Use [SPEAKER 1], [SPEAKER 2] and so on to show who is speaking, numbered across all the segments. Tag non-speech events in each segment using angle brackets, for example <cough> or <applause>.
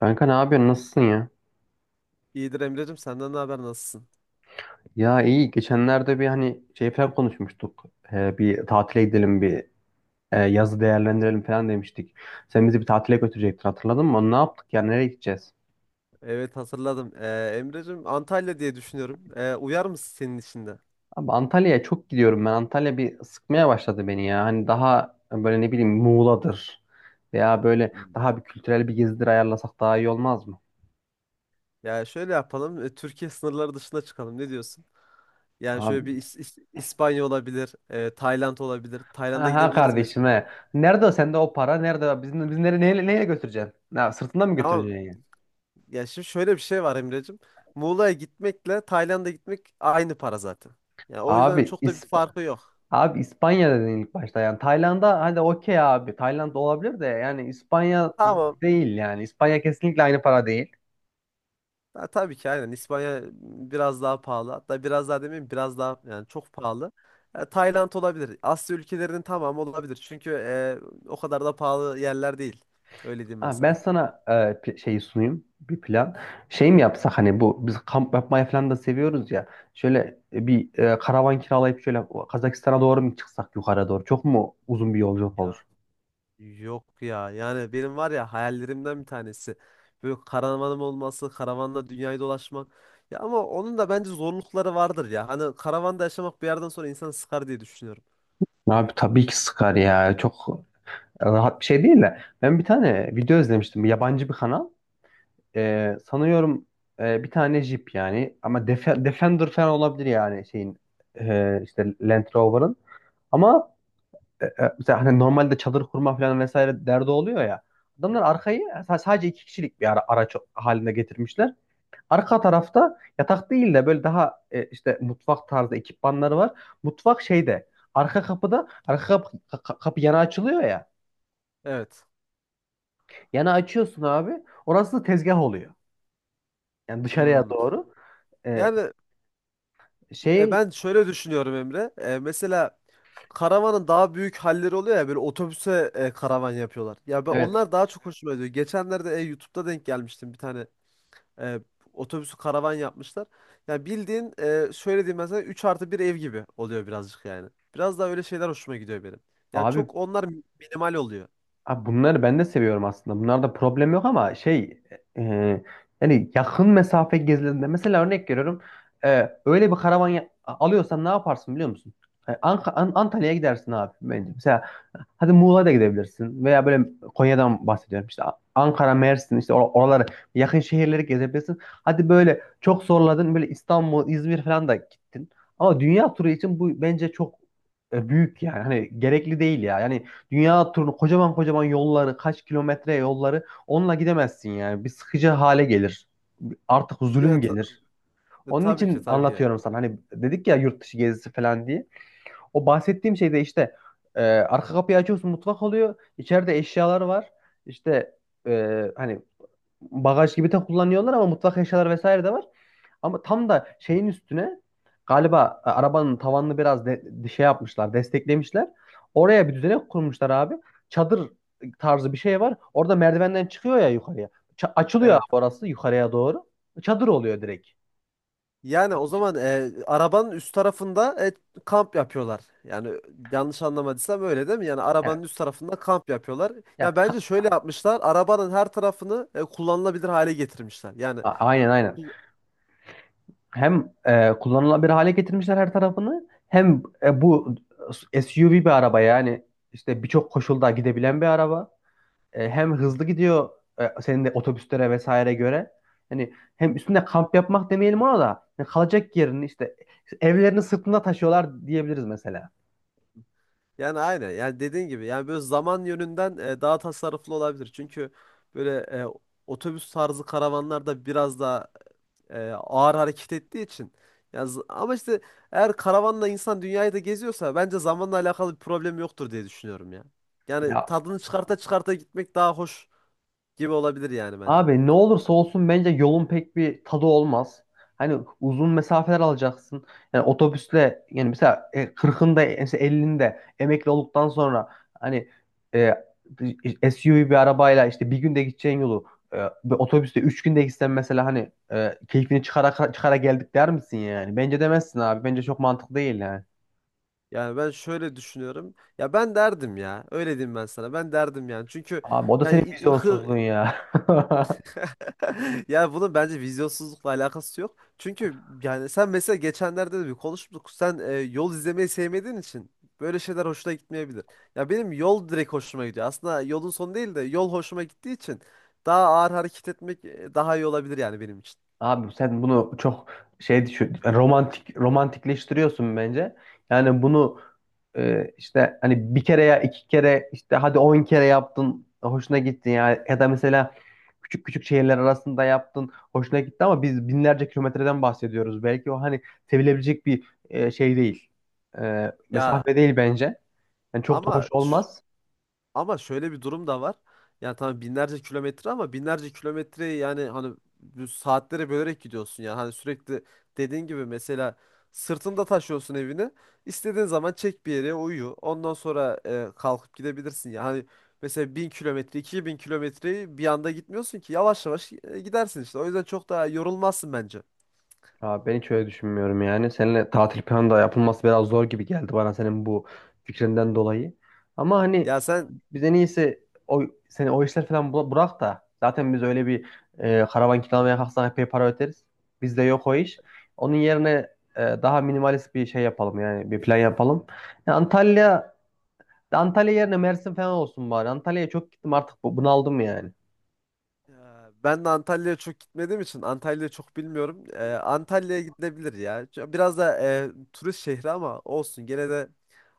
[SPEAKER 1] Kanka ne yapıyorsun? Nasılsın ya?
[SPEAKER 2] İyidir Emre'cim, senden ne haber, nasılsın?
[SPEAKER 1] Ya iyi. Geçenlerde bir hani şey falan konuşmuştuk. Bir tatile gidelim, bir yazı değerlendirelim falan demiştik. Sen bizi bir tatile götürecektin, hatırladın mı? Onu ne yaptık ya? Nereye gideceğiz?
[SPEAKER 2] Evet, hatırladım. Emre'cim, Antalya diye düşünüyorum. Uyar mısın senin içinde? De?
[SPEAKER 1] Abi Antalya'ya çok gidiyorum ben. Antalya bir sıkmaya başladı beni ya. Hani daha böyle ne bileyim Muğla'dır. Veya böyle
[SPEAKER 2] Hmm.
[SPEAKER 1] daha bir kültürel bir gezidir ayarlasak daha iyi olmaz mı?
[SPEAKER 2] Ya şöyle yapalım. Türkiye sınırları dışına çıkalım. Ne diyorsun? Yani şöyle bir
[SPEAKER 1] Abi.
[SPEAKER 2] İspanya olabilir, Tayland olabilir. Tayland'a
[SPEAKER 1] Aha
[SPEAKER 2] gidebiliriz
[SPEAKER 1] kardeşim
[SPEAKER 2] mesela.
[SPEAKER 1] he. Nerede o sende o para? Nerede? Biz nereye, neyle götüreceksin? Ya, sırtında mı
[SPEAKER 2] Tamam.
[SPEAKER 1] götüreceksin ya?
[SPEAKER 2] Ya şimdi şöyle bir şey var Emre'cim. Muğla'ya gitmekle Tayland'a gitmek aynı para zaten. Ya o yüzden
[SPEAKER 1] Abi
[SPEAKER 2] çok da bir
[SPEAKER 1] İs-.
[SPEAKER 2] farkı yok.
[SPEAKER 1] Abi İspanya dedin ilk başta, yani Tayland'a hadi okey abi Tayland olabilir de yani İspanya
[SPEAKER 2] Tamam.
[SPEAKER 1] değil, yani İspanya kesinlikle aynı para değil.
[SPEAKER 2] Ha, tabii ki, aynen. İspanya biraz daha pahalı. Hatta biraz daha demeyeyim, biraz daha yani çok pahalı. Ya, Tayland olabilir. Asya ülkelerinin tamamı olabilir. Çünkü o kadar da pahalı yerler değil. Öyle diyeyim ben
[SPEAKER 1] Abi ben
[SPEAKER 2] sana.
[SPEAKER 1] sana pi- şeyi sunayım, bir plan. Şey mi yapsak, hani bu biz kamp yapmayı falan da seviyoruz ya, şöyle bir karavan kiralayıp şöyle Kazakistan'a doğru mu çıksak yukarı doğru, çok mu uzun bir yolculuk
[SPEAKER 2] Ya
[SPEAKER 1] olur?
[SPEAKER 2] yok ya. Yani benim var ya hayallerimden bir tanesi. Böyle karavanım olması, karavanla dünyayı dolaşmak. Ya ama onun da bence zorlukları vardır ya. Hani karavanda yaşamak bir yerden sonra insanı sıkar diye düşünüyorum.
[SPEAKER 1] Abi tabii ki sıkar ya, çok rahat bir şey değil de ben bir tane video izlemiştim, bir yabancı bir kanal. Sanıyorum bir tane Jeep, yani ama Def- Defender falan olabilir, yani şeyin işte Land Rover'ın, ama mesela hani normalde çadır kurma falan vesaire derdi oluyor ya, adamlar arkayı sadece iki kişilik bir araç haline getirmişler. Arka tarafta yatak değil de böyle daha işte mutfak tarzı ekipmanları var. Mutfak şeyde, arka kapıda, arka kapı, kapı yana açılıyor ya,
[SPEAKER 2] Evet.
[SPEAKER 1] yana açıyorsun abi, orası tezgah oluyor yani dışarıya
[SPEAKER 2] Hmm.
[SPEAKER 1] doğru. E,
[SPEAKER 2] Yani,
[SPEAKER 1] şey
[SPEAKER 2] ben şöyle düşünüyorum Emre. Mesela karavanın daha büyük halleri oluyor ya, böyle otobüse karavan yapıyorlar. Ya ben,
[SPEAKER 1] Evet.
[SPEAKER 2] onlar daha çok hoşuma gidiyor. Geçenlerde YouTube'da denk gelmiştim bir tane e, otobüsü karavan yapmışlar. Ya bildiğin şöyle diyeyim, mesela 3 artı bir ev gibi oluyor birazcık yani. Biraz daha öyle şeyler hoşuma gidiyor benim. Yani
[SPEAKER 1] Abi,
[SPEAKER 2] çok onlar minimal oluyor.
[SPEAKER 1] abi bunları ben de seviyorum aslında. Bunlarda problem yok ama şey, e, yani yakın mesafe gezilerinde mesela örnek veriyorum. Öyle bir karavan ya- alıyorsan ne yaparsın biliyor musun? Antalya'ya gidersin abi bence. Mesela hadi Muğla'ya da gidebilirsin, veya böyle Konya'dan bahsediyorum. İşte Ankara, Mersin işte oraları, yakın şehirleri gezebilirsin. Hadi böyle çok zorladın böyle İstanbul, İzmir falan da gittin. Ama dünya turu için bu bence çok büyük yani. Hani gerekli değil ya. Yani dünya turunu kocaman kocaman yolları, kaç kilometre yolları onunla gidemezsin yani. Bir sıkıcı hale gelir. Artık
[SPEAKER 2] E,
[SPEAKER 1] zulüm
[SPEAKER 2] ta-
[SPEAKER 1] gelir. Onun
[SPEAKER 2] tabii ki,
[SPEAKER 1] için
[SPEAKER 2] tabii ki.
[SPEAKER 1] anlatıyorum sana. Hani dedik ya yurt dışı gezisi falan diye. O bahsettiğim şey de işte arka kapıyı açıyorsun, mutfak oluyor. İçeride eşyalar var. İşte hani bagaj gibi de kullanıyorlar ama mutfak eşyaları vesaire de var. Ama tam da şeyin üstüne galiba arabanın tavanını biraz şey yapmışlar, desteklemişler. Oraya bir düzenek kurmuşlar abi. Çadır tarzı bir şey var. Orada merdivenden çıkıyor ya yukarıya. Ça- açılıyor abi
[SPEAKER 2] Evet.
[SPEAKER 1] orası yukarıya doğru. Çadır oluyor direkt.
[SPEAKER 2] Yani o zaman arabanın üst tarafında kamp yapıyorlar. Yani yanlış anlamadıysam öyle değil mi? Yani
[SPEAKER 1] Yani,
[SPEAKER 2] arabanın üst tarafında kamp yapıyorlar.
[SPEAKER 1] ya,
[SPEAKER 2] Ya
[SPEAKER 1] ka-
[SPEAKER 2] bence şöyle yapmışlar. Arabanın her tarafını kullanılabilir hale getirmişler. Yani
[SPEAKER 1] a- aynen aynen.
[SPEAKER 2] <laughs>
[SPEAKER 1] Hem kullanılabilir hale getirmişler her tarafını. Hem bu SUV bir araba, yani işte birçok koşulda gidebilen bir araba. Hem hızlı gidiyor senin de otobüslere vesaire göre. Hani hem üstünde kamp yapmak demeyelim ona da. Yani kalacak yerini, işte evlerini sırtında taşıyorlar diyebiliriz mesela.
[SPEAKER 2] yani aynen. Yani dediğin gibi, yani böyle zaman yönünden daha tasarruflu olabilir. Çünkü böyle otobüs tarzı karavanlar da biraz daha ağır hareket ettiği için. Ama işte eğer karavanla insan dünyayı da geziyorsa bence zamanla alakalı bir problem yoktur diye düşünüyorum ya. Yani
[SPEAKER 1] Ya
[SPEAKER 2] tadını çıkarta çıkarta gitmek daha hoş gibi olabilir yani bence.
[SPEAKER 1] abi ne olursa olsun bence yolun pek bir tadı olmaz. Hani uzun mesafeler alacaksın. Yani otobüsle yani mesela 40'ında mesela 50'inde emekli olduktan sonra hani SUV bir arabayla işte bir günde gideceğin yolu e, bir otobüste 3 günde gitsen mesela, hani keyfini çıkara çıkara geldik der misin yani? Bence demezsin abi. Bence çok mantıklı değil yani.
[SPEAKER 2] Yani ben şöyle düşünüyorum. Ya ben derdim ya. Öyle diyeyim ben sana. Ben derdim yani. Çünkü
[SPEAKER 1] Abi o da senin
[SPEAKER 2] yani
[SPEAKER 1] vizyonsuzluğun ya. <laughs>
[SPEAKER 2] <laughs> yani bunun bence vizyonsuzlukla alakası yok. Çünkü yani sen mesela geçenlerde de bir konuştuk. Sen yol izlemeyi sevmediğin için böyle şeyler hoşuna gitmeyebilir. Ya benim yol direkt hoşuma gidiyor. Aslında yolun sonu değil de yol hoşuma gittiği için daha ağır hareket etmek daha iyi olabilir yani benim için.
[SPEAKER 1] Abi sen bunu çok şey düşün, romantikleştiriyorsun bence. Yani bunu işte hani bir kere ya iki kere işte hadi on kere yaptın, hoşuna gitti ya ya da mesela küçük küçük şehirler arasında yaptın, hoşuna gitti ama biz binlerce kilometreden bahsediyoruz. Belki o hani sevilebilecek bir şey değil.
[SPEAKER 2] Ya
[SPEAKER 1] Mesafe değil bence. Yani çok da
[SPEAKER 2] ama
[SPEAKER 1] hoş olmaz.
[SPEAKER 2] Ama şöyle bir durum da var. Yani tamam, binlerce kilometre, ama binlerce kilometreyi yani hani bu saatlere bölerek gidiyorsun yani. Hani sürekli dediğin gibi mesela sırtında taşıyorsun evini. İstediğin zaman çek bir yere uyu. Ondan sonra kalkıp gidebilirsin. Yani hani mesela 1000 kilometre, 2.000 kilometreyi bir anda gitmiyorsun ki. Yavaş yavaş gidersin işte. O yüzden çok daha yorulmazsın bence.
[SPEAKER 1] Abi ben hiç öyle düşünmüyorum yani. Seninle tatil planı da yapılması biraz zor gibi geldi bana senin bu fikrinden dolayı. Ama hani
[SPEAKER 2] Ya sen,
[SPEAKER 1] biz en iyisi o, seni o işler falan bırak da zaten biz öyle bir karavan kiralamaya kalksak epey para öderiz. Bizde yok o iş. Onun yerine daha minimalist bir şey yapalım, yani bir plan yapalım. Yani Antalya yerine Mersin falan olsun bari. Antalya'ya çok gittim artık, bunaldım yani.
[SPEAKER 2] ben de Antalya'ya çok gitmediğim için Antalya'yı çok bilmiyorum. Antalya'ya gidilebilir ya. Biraz da turist şehri ama olsun. Gene de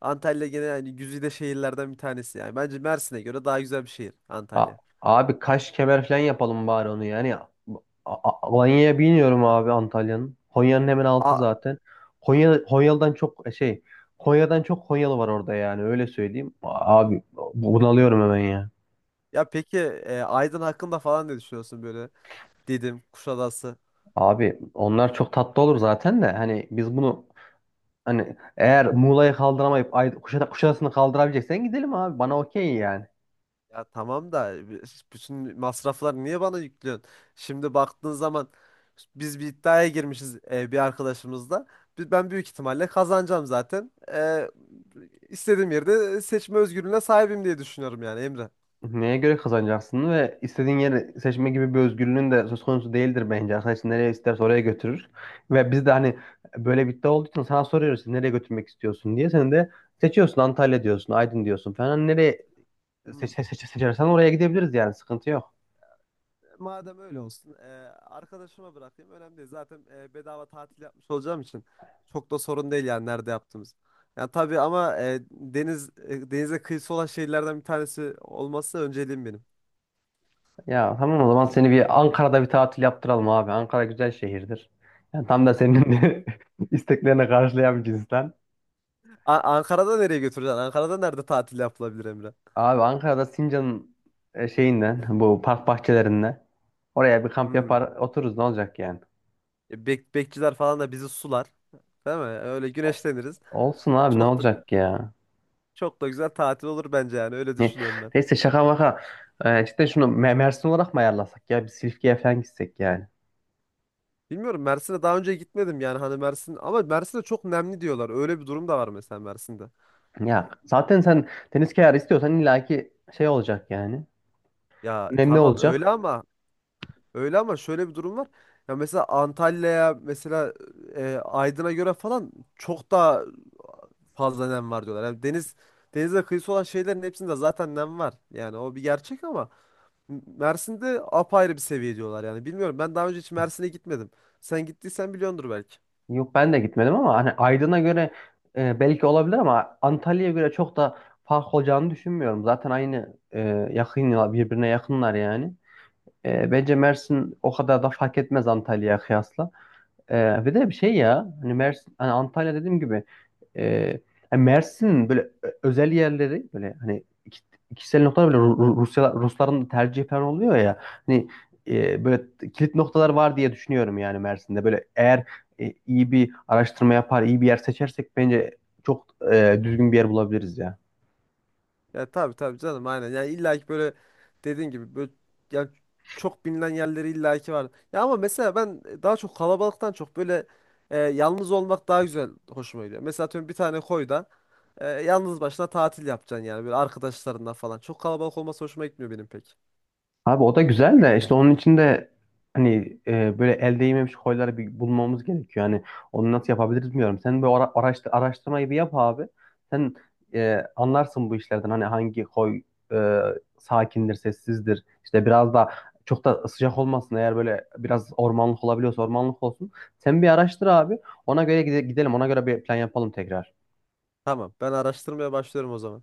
[SPEAKER 2] Antalya gene yani güzide şehirlerden bir tanesi yani. Bence Mersin'e göre daha güzel bir şehir
[SPEAKER 1] Ya,
[SPEAKER 2] Antalya.
[SPEAKER 1] abi Kaş Kemer falan yapalım bari onu yani. Alanya'ya biniyorum abi Antalya'nın. Konya'nın hemen altı
[SPEAKER 2] A-
[SPEAKER 1] zaten. Konya, Konyalı'dan çok e, şey Konya'dan çok Konyalı var orada yani, öyle söyleyeyim. Abi bunalıyorum hemen ya.
[SPEAKER 2] Ya peki, Aydın hakkında falan ne düşünüyorsun böyle? Didim, Kuşadası.
[SPEAKER 1] Abi onlar çok tatlı olur zaten de, hani biz bunu hani eğer Muğla'yı kaldıramayıp Kuşadası'nı kaldırabileceksen gidelim abi, bana okey yani.
[SPEAKER 2] Ya tamam da <laughs> bütün masrafları niye bana yüklüyorsun? Şimdi baktığın zaman biz bir iddiaya girmişiz bir arkadaşımızla. Ben büyük ihtimalle kazanacağım zaten. İstediğim yerde seçme özgürlüğüne sahibim diye düşünüyorum yani Emre.
[SPEAKER 1] Neye göre kazanacaksın ve istediğin yeri seçme gibi bir özgürlüğün de söz konusu değildir bence. Arkadaş nereye isterse oraya götürür. Ve biz de hani böyle bir iddia olduğu için sana soruyoruz, nereye götürmek istiyorsun diye. Sen de seçiyorsun Antalya diyorsun, Aydın diyorsun falan. Hani nereye
[SPEAKER 2] Hmm.
[SPEAKER 1] seçersen oraya gidebiliriz yani, sıkıntı yok.
[SPEAKER 2] Madem öyle olsun, arkadaşıma bırakayım. Önemli değil. Zaten bedava tatil yapmış olacağım için çok da sorun değil yani nerede yaptığımız. Yani tabii, ama denize kıyısı olan şehirlerden bir tanesi olması önceliğim benim.
[SPEAKER 1] Ya tamam, o zaman seni bir Ankara'da bir tatil yaptıralım abi. Ankara güzel şehirdir. Yani tam da senin <laughs> isteklerine karşılayan bir cinsten.
[SPEAKER 2] Ankara'da nereye götüreceksin? Ankara'da nerede tatil yapılabilir Emre?
[SPEAKER 1] Abi Ankara'da Sincan'ın şeyinden, bu park bahçelerinden, oraya bir kamp yapar
[SPEAKER 2] Hmm.
[SPEAKER 1] otururuz, ne olacak yani.
[SPEAKER 2] Bekçiler falan da bizi sular. Değil mi? Öyle güneşleniriz.
[SPEAKER 1] Olsun abi ne
[SPEAKER 2] Çok da
[SPEAKER 1] olacak ya.
[SPEAKER 2] Çok da güzel tatil olur bence yani. Öyle
[SPEAKER 1] Ne,
[SPEAKER 2] düşünüyorum ben.
[SPEAKER 1] neyse şaka maka. Cidden şunu Mersin olarak mı ayarlasak ya? Bir Silifke'ye falan gitsek yani.
[SPEAKER 2] Bilmiyorum, Mersin'e daha önce gitmedim, yani hani Mersin, ama Mersin'de çok nemli diyorlar. Öyle bir durum da var mesela Mersin'de.
[SPEAKER 1] Ya zaten sen deniz kenarı istiyorsan illaki şey olacak yani.
[SPEAKER 2] Ya
[SPEAKER 1] Nemli
[SPEAKER 2] tamam
[SPEAKER 1] olacak.
[SPEAKER 2] öyle ama, öyle ama şöyle bir durum var. Ya mesela Antalya'ya mesela Aydın'a göre falan çok daha fazla nem var diyorlar. Yani denize kıyısı olan şeylerin hepsinde zaten nem var. Yani o bir gerçek, ama Mersin'de apayrı bir seviye diyorlar yani. Bilmiyorum, ben daha önce hiç Mersin'e gitmedim. Sen gittiysen biliyordur belki.
[SPEAKER 1] Yok ben de gitmedim ama hani Aydın'a göre belki olabilir ama Antalya'ya göre çok da fark olacağını düşünmüyorum. Zaten aynı yakın, birbirine yakınlar yani. Bence Mersin o kadar da fark etmez Antalya'ya kıyasla. Ve de bir şey ya, hani Mersin, hani Antalya dediğim gibi e, hani Mersin'in böyle özel yerleri, böyle hani iki, kişisel noktalar, böyle Rusya, Rusların tercih falan oluyor ya, hani böyle kilit noktalar var diye düşünüyorum yani Mersin'de. Böyle eğer iyi bir araştırma yapar, iyi bir yer seçersek bence çok düzgün bir yer bulabiliriz ya.
[SPEAKER 2] Ya tabii, tabii canım, aynen. Yani illa ki böyle dediğin gibi, böyle, yani çok bilinen yerleri illa ki var. Ya ama mesela ben daha çok kalabalıktan çok böyle yalnız olmak daha güzel, hoşuma gidiyor. Mesela atıyorum bir tane koyda yalnız başına tatil yapacaksın yani böyle arkadaşlarından falan. Çok kalabalık olması hoşuma gitmiyor benim pek.
[SPEAKER 1] Abi o da güzel de, işte onun için de hani böyle el değmemiş koyları bir bulmamız gerekiyor. Hani onu nasıl yapabiliriz bilmiyorum. Sen bir araştırmayı bir yap abi. Sen anlarsın bu işlerden, hani hangi koy e, sakindir, sessizdir. İşte biraz da çok da sıcak olmasın. Eğer böyle biraz ormanlık olabiliyorsa ormanlık olsun. Sen bir araştır abi. Ona göre gidelim. Ona göre bir plan yapalım tekrar.
[SPEAKER 2] Tamam, ben araştırmaya başlıyorum o zaman.